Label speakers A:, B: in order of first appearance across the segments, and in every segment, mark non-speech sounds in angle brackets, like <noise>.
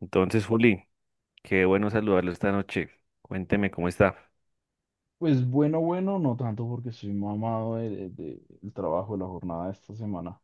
A: Entonces, Juli, qué bueno saludarlo esta noche. Cuénteme cómo está.
B: Pues bueno, bueno, no tanto porque soy mamado del trabajo, de la jornada de esta semana.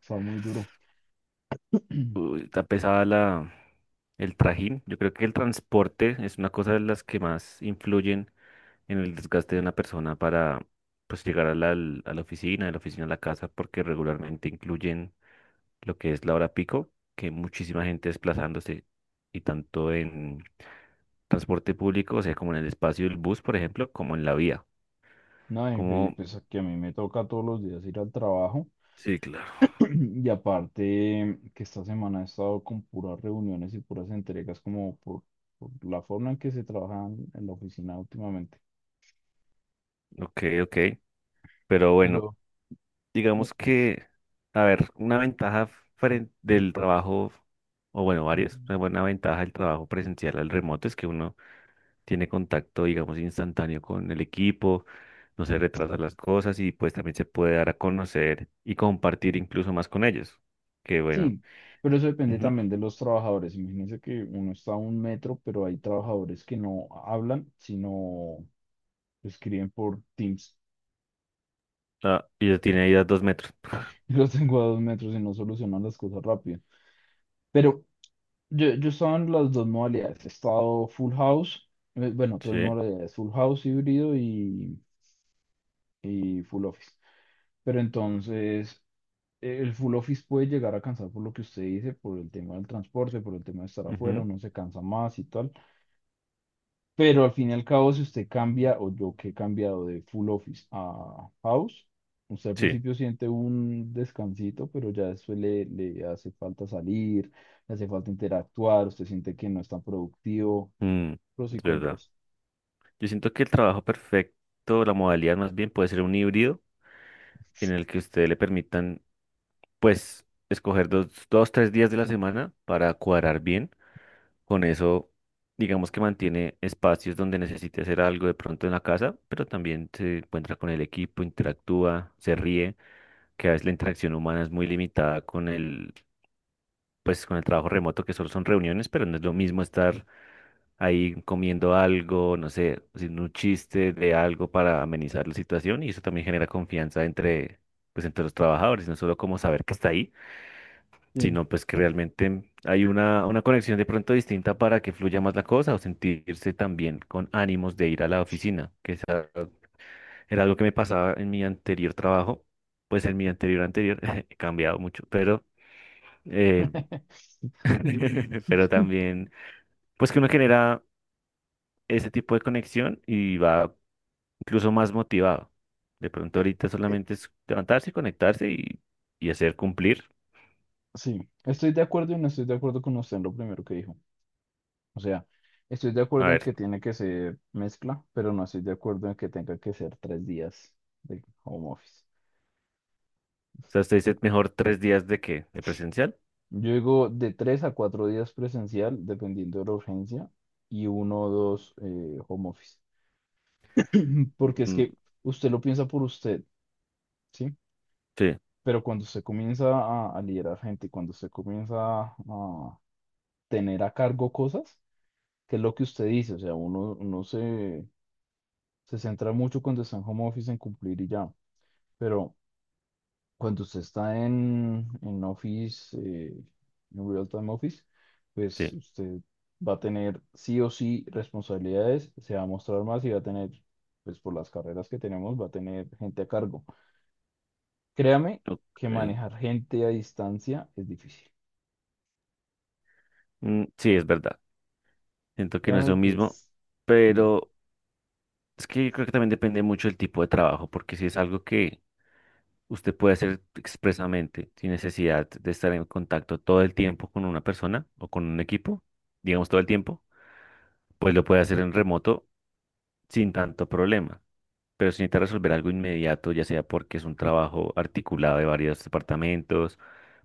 B: Está muy duro.
A: Uy,
B: <clears throat>
A: está pesada el trajín. Yo creo que el transporte es una cosa de las que más influyen en el desgaste de una persona para pues llegar a la oficina, de la oficina a la casa, porque regularmente incluyen lo que es la hora pico, que hay muchísima gente desplazándose, y tanto en transporte público, o sea, como en el espacio del bus, por ejemplo, como en la vía.
B: No, y
A: Como...
B: pues que a mí me toca todos los días ir al trabajo.
A: Sí, claro.
B: <clears throat> Y aparte que esta semana he estado con puras reuniones y puras entregas como por la forma en que se trabaja en la oficina últimamente.
A: Ok, ok. Pero bueno.
B: Pero u-
A: Digamos que, a ver, una ventaja frente del trabajo, o bueno, varias, una buena ventaja del trabajo presencial al remoto es que uno tiene contacto, digamos, instantáneo con el equipo, no se retrasan las cosas y pues también se puede dar a conocer y compartir incluso más con ellos. Que bueno.
B: sí, pero eso depende
A: Ujú.
B: también de los trabajadores. Imagínense que uno está a 1 metro, pero hay trabajadores que no hablan, sino escriben por Teams.
A: Ah, y ya tiene ahí a 2 metros. <laughs>
B: <laughs> Yo los tengo a 2 metros y no solucionan las cosas rápido. Pero yo estaba en las dos modalidades. He estado full house, bueno, tres
A: Sí.
B: modalidades, full house híbrido y full office. Pero entonces, el full office puede llegar a cansar por lo que usted dice, por el tema del transporte, por el tema de estar afuera,
A: Ujú,
B: uno se cansa más y tal. Pero al fin y al cabo, si usted cambia, o yo que he cambiado de full office a house, usted al
A: sí.
B: principio siente un descansito, pero ya después le hace falta salir, le hace falta interactuar, usted siente que no es tan productivo,
A: mm,
B: pros y
A: es verdad.
B: contras.
A: Yo siento que el trabajo perfecto, la modalidad más bien, puede ser un híbrido en el que ustedes le permitan pues escoger dos, tres días de la semana para cuadrar bien. Con eso, digamos que mantiene espacios donde necesite hacer algo de pronto en la casa, pero también se encuentra con el equipo, interactúa, se ríe, que a veces la interacción humana es muy limitada con el, pues, con el trabajo remoto, que solo son reuniones, pero no es lo mismo estar ahí comiendo algo, no sé, haciendo un chiste de algo para amenizar la situación y eso también genera confianza entre, pues, entre los trabajadores, no solo como saber que está ahí
B: Sí.
A: sino pues que realmente hay una conexión de pronto distinta para que fluya más la cosa o sentirse también con ánimos de ir a la oficina, que esa era algo que me pasaba en mi anterior trabajo, pues en mi anterior anterior, <laughs> he cambiado mucho, pero, eh,
B: <laughs>
A: <laughs> pero también, pues que uno genera ese tipo de conexión y va incluso más motivado. De pronto
B: Eh,
A: ahorita
B: eh,
A: solamente es levantarse, conectarse y hacer cumplir.
B: Sí, estoy de acuerdo y no estoy de acuerdo con usted en lo primero que dijo. O sea, estoy de
A: A
B: acuerdo en
A: ver,
B: que tiene que ser mezcla, pero no estoy de acuerdo en que tenga que ser 3 días de home office.
A: o sea, usted dice mejor 3 días de presencial.
B: Yo digo de 3 a 4 días presencial, dependiendo de la urgencia, y uno o dos home office. Porque es
A: Mm,
B: que usted lo piensa por usted, ¿sí?
A: sí,
B: Pero cuando usted comienza a liderar gente, cuando usted comienza a tener a cargo cosas, que es lo que usted dice, o sea, uno se centra mucho cuando está en home office en cumplir y ya, pero cuando usted está en Office, en Real Time Office, pues
A: sí,
B: usted va a tener sí o sí responsabilidades, se va a mostrar más y va a tener, pues por las carreras que tenemos, va a tener gente a cargo. Créame
A: ok.
B: que manejar gente a distancia es difícil.
A: Mm, sí, es verdad. Siento que no es lo
B: Créame que
A: mismo,
B: es. Mm.
A: pero es que yo creo que también depende mucho del tipo de trabajo, porque si es algo que usted puede hacer expresamente, sin necesidad de estar en contacto todo el tiempo con una persona o con un equipo, digamos todo el tiempo, pues lo puede hacer en remoto sin tanto problema. Pero se necesita resolver algo inmediato, ya sea porque es un trabajo articulado de varios departamentos,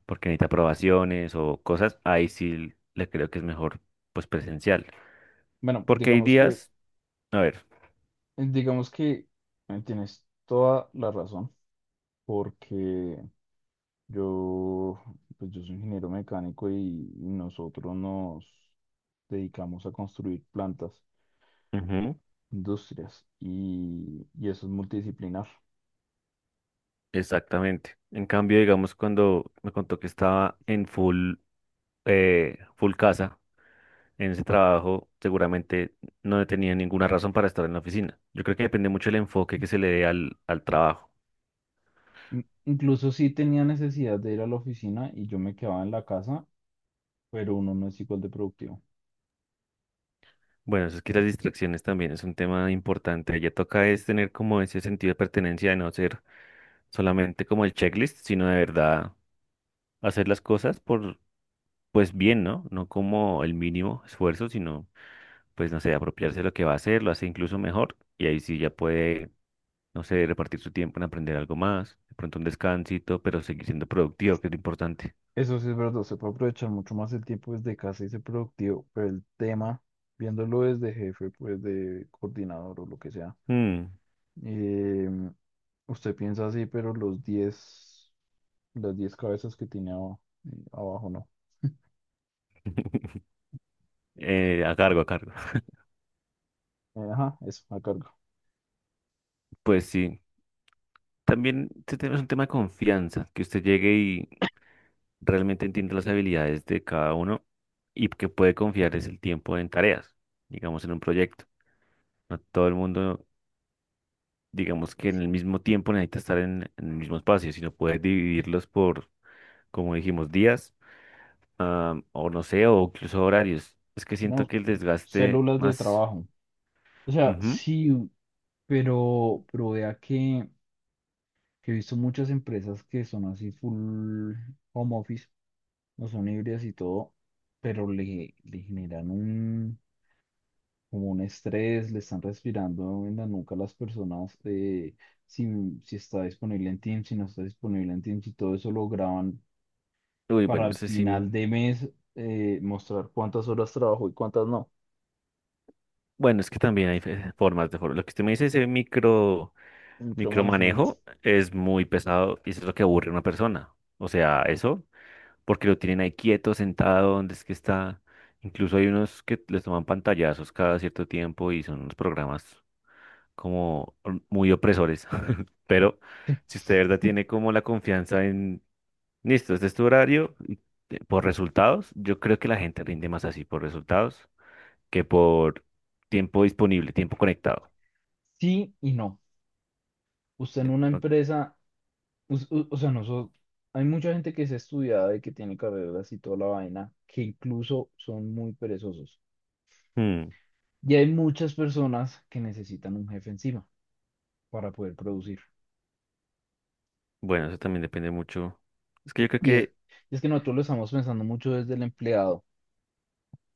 A: porque necesita aprobaciones o cosas, ahí sí le creo que es mejor, pues presencial.
B: Bueno,
A: Porque hay
B: digamos que,
A: días, a ver,
B: digamos que tienes toda la razón, porque yo, pues yo soy ingeniero mecánico y nosotros nos dedicamos a construir plantas,
A: ujú,
B: industrias y eso es multidisciplinar.
A: exactamente. En cambio, digamos, cuando me contó que estaba en full casa, en ese trabajo, seguramente no tenía ninguna razón para estar en la oficina. Yo creo que depende mucho del enfoque que se le dé al trabajo.
B: Incluso sí tenía necesidad de ir a la oficina y yo me quedaba en la casa, pero uno no es igual de productivo.
A: Bueno, eso es que las distracciones también es un tema importante. Ya toca es tener como ese sentido de pertenencia de no ser solamente como el checklist, sino de verdad hacer las cosas por, pues bien, ¿no? No como el mínimo esfuerzo, sino, pues no sé, apropiarse de lo que va a hacer, lo hace incluso mejor y ahí sí ya puede, no sé, repartir su tiempo en aprender algo más, de pronto un descansito, pero seguir siendo productivo, que es lo importante.
B: Eso sí es verdad, se puede aprovechar mucho más el tiempo desde casa y ser productivo, pero el tema, viéndolo desde jefe, pues de coordinador o lo que sea,
A: Mm,
B: eh, usted piensa así, pero los 10 Las 10 cabezas que tiene abajo, ¿no?
A: a cargo, a cargo. <laughs>
B: Ajá, eso, la carga.
A: Pues sí. También este tema es un tema de confianza, que usted llegue y realmente entiende las habilidades de cada uno y que puede confiar es el tiempo en tareas, digamos en un proyecto. No todo el mundo, digamos que en el mismo tiempo necesita estar en el mismo espacio, sino puedes dividirlos por, como dijimos, días, ah, o no sé, o incluso horarios. Es que siento
B: No,
A: que el desgaste
B: células de
A: más...
B: trabajo. O sea,
A: Ujú.
B: sí, pero vea que he visto muchas empresas que son así full home office, no son híbridas y todo, pero le generan como un estrés, le están respirando en la nuca a las personas, si, si está disponible en Teams, si no está disponible en Teams y todo eso lo graban
A: Uy,
B: para
A: bueno, no
B: al
A: sé si...
B: final de mes mostrar cuántas horas trabajo y cuántas no.
A: Bueno, es que también hay fe- formas de... for- Lo que usted me dice, ese
B: Micromanagement.
A: micromanejo es muy pesado y eso es lo que aburre a una persona. O sea, eso porque lo tienen ahí quieto, sentado, donde es que está. Incluso hay unos que les toman pantallazos cada cierto tiempo y son unos programas como muy opresores. <laughs> Pero
B: Sí
A: si usted de verdad tiene como la confianza en, listo, este es tu horario, y por resultados, yo creo que la gente rinde más así por resultados que por tiempo disponible, tiempo conectado.
B: Sí y no. Usted en
A: De-
B: una
A: o-
B: empresa, o sea, nosotros, hay mucha gente que es estudiada y que tiene carreras y toda la vaina, que incluso son muy perezosos.
A: Hmm.
B: Y hay muchas personas que necesitan un jefe encima para poder producir.
A: Bueno, eso también depende mucho. Es que yo creo
B: Y es,
A: que,
B: es que nosotros lo estamos pensando mucho desde el empleado,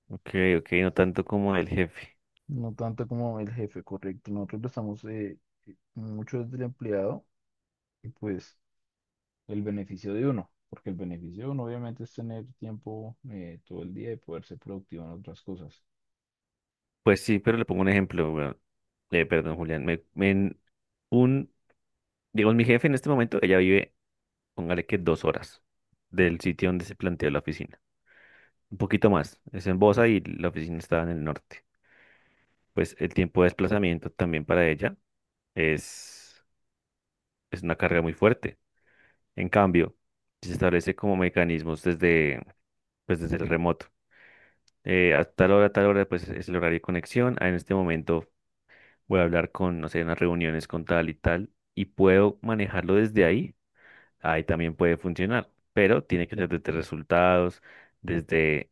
A: ok, ok, no tanto como el jefe.
B: no tanto como el jefe, correcto. Nosotros lo estamos mucho desde el empleado y pues... el beneficio de uno, porque el beneficio de uno obviamente es tener tiempo todo el día y poder ser productivo en otras cosas.
A: Pues sí, pero le pongo un ejemplo, weón. Perdón, Julián. Un, digamos, mi jefe en este momento, ella vive, póngale que 2 horas del sitio donde se planteó la oficina. Un poquito más. Es en Bosa y la oficina está en el norte. Pues el tiempo de desplazamiento también para ella es, es una carga muy fuerte. En cambio, se establece como mecanismos desde, pues desde el remoto. A tal hora, a tal hora, pues es el horario de conexión. Ah, en este momento, voy a hablar con, no sé, unas reuniones con tal y tal, y puedo manejarlo desde ahí, ahí también puede funcionar, pero tiene que ser desde resultados, desde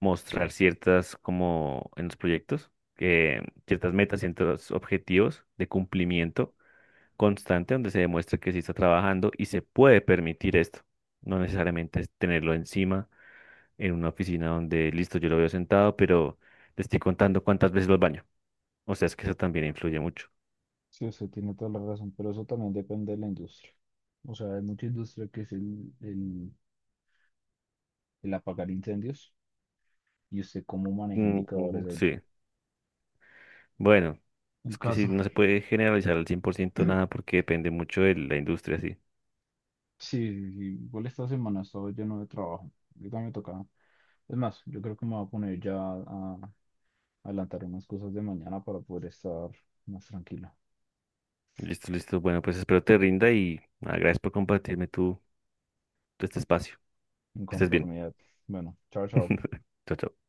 A: mostrar ciertas, como en los proyectos, que ciertas metas, ciertos objetivos de cumplimiento constante, donde se demuestre que sí está trabajando y se puede permitir esto. No necesariamente es tenerlo encima en una oficina donde, listo, yo lo veo sentado, pero le estoy contando cuántas veces lo baño. O sea, es que eso también influye mucho.
B: Sí, usted tiene toda la razón, pero eso también depende de la industria. O sea, hay mucha industria que es el apagar incendios y usted cómo maneja
A: Mm, mm,
B: indicadores ahí.
A: sí, bueno,
B: El
A: es que sí,
B: caso.
A: no se puede generalizar al 100% nada
B: <clears throat>
A: porque depende mucho de la industria, sí.
B: Sí, sí, sí, igual esta semana estaba lleno de trabajo. Yo también me tocaba. Es más, yo creo que me voy a poner ya a adelantar unas cosas de mañana para poder estar más tranquilo,
A: Listo, listo. Bueno, pues espero te rinda y nada, gracias por compartirme tu, este espacio.
B: en
A: Que estés bien.
B: conformidad. Bueno, chao, chao.
A: <laughs> Chao, chao.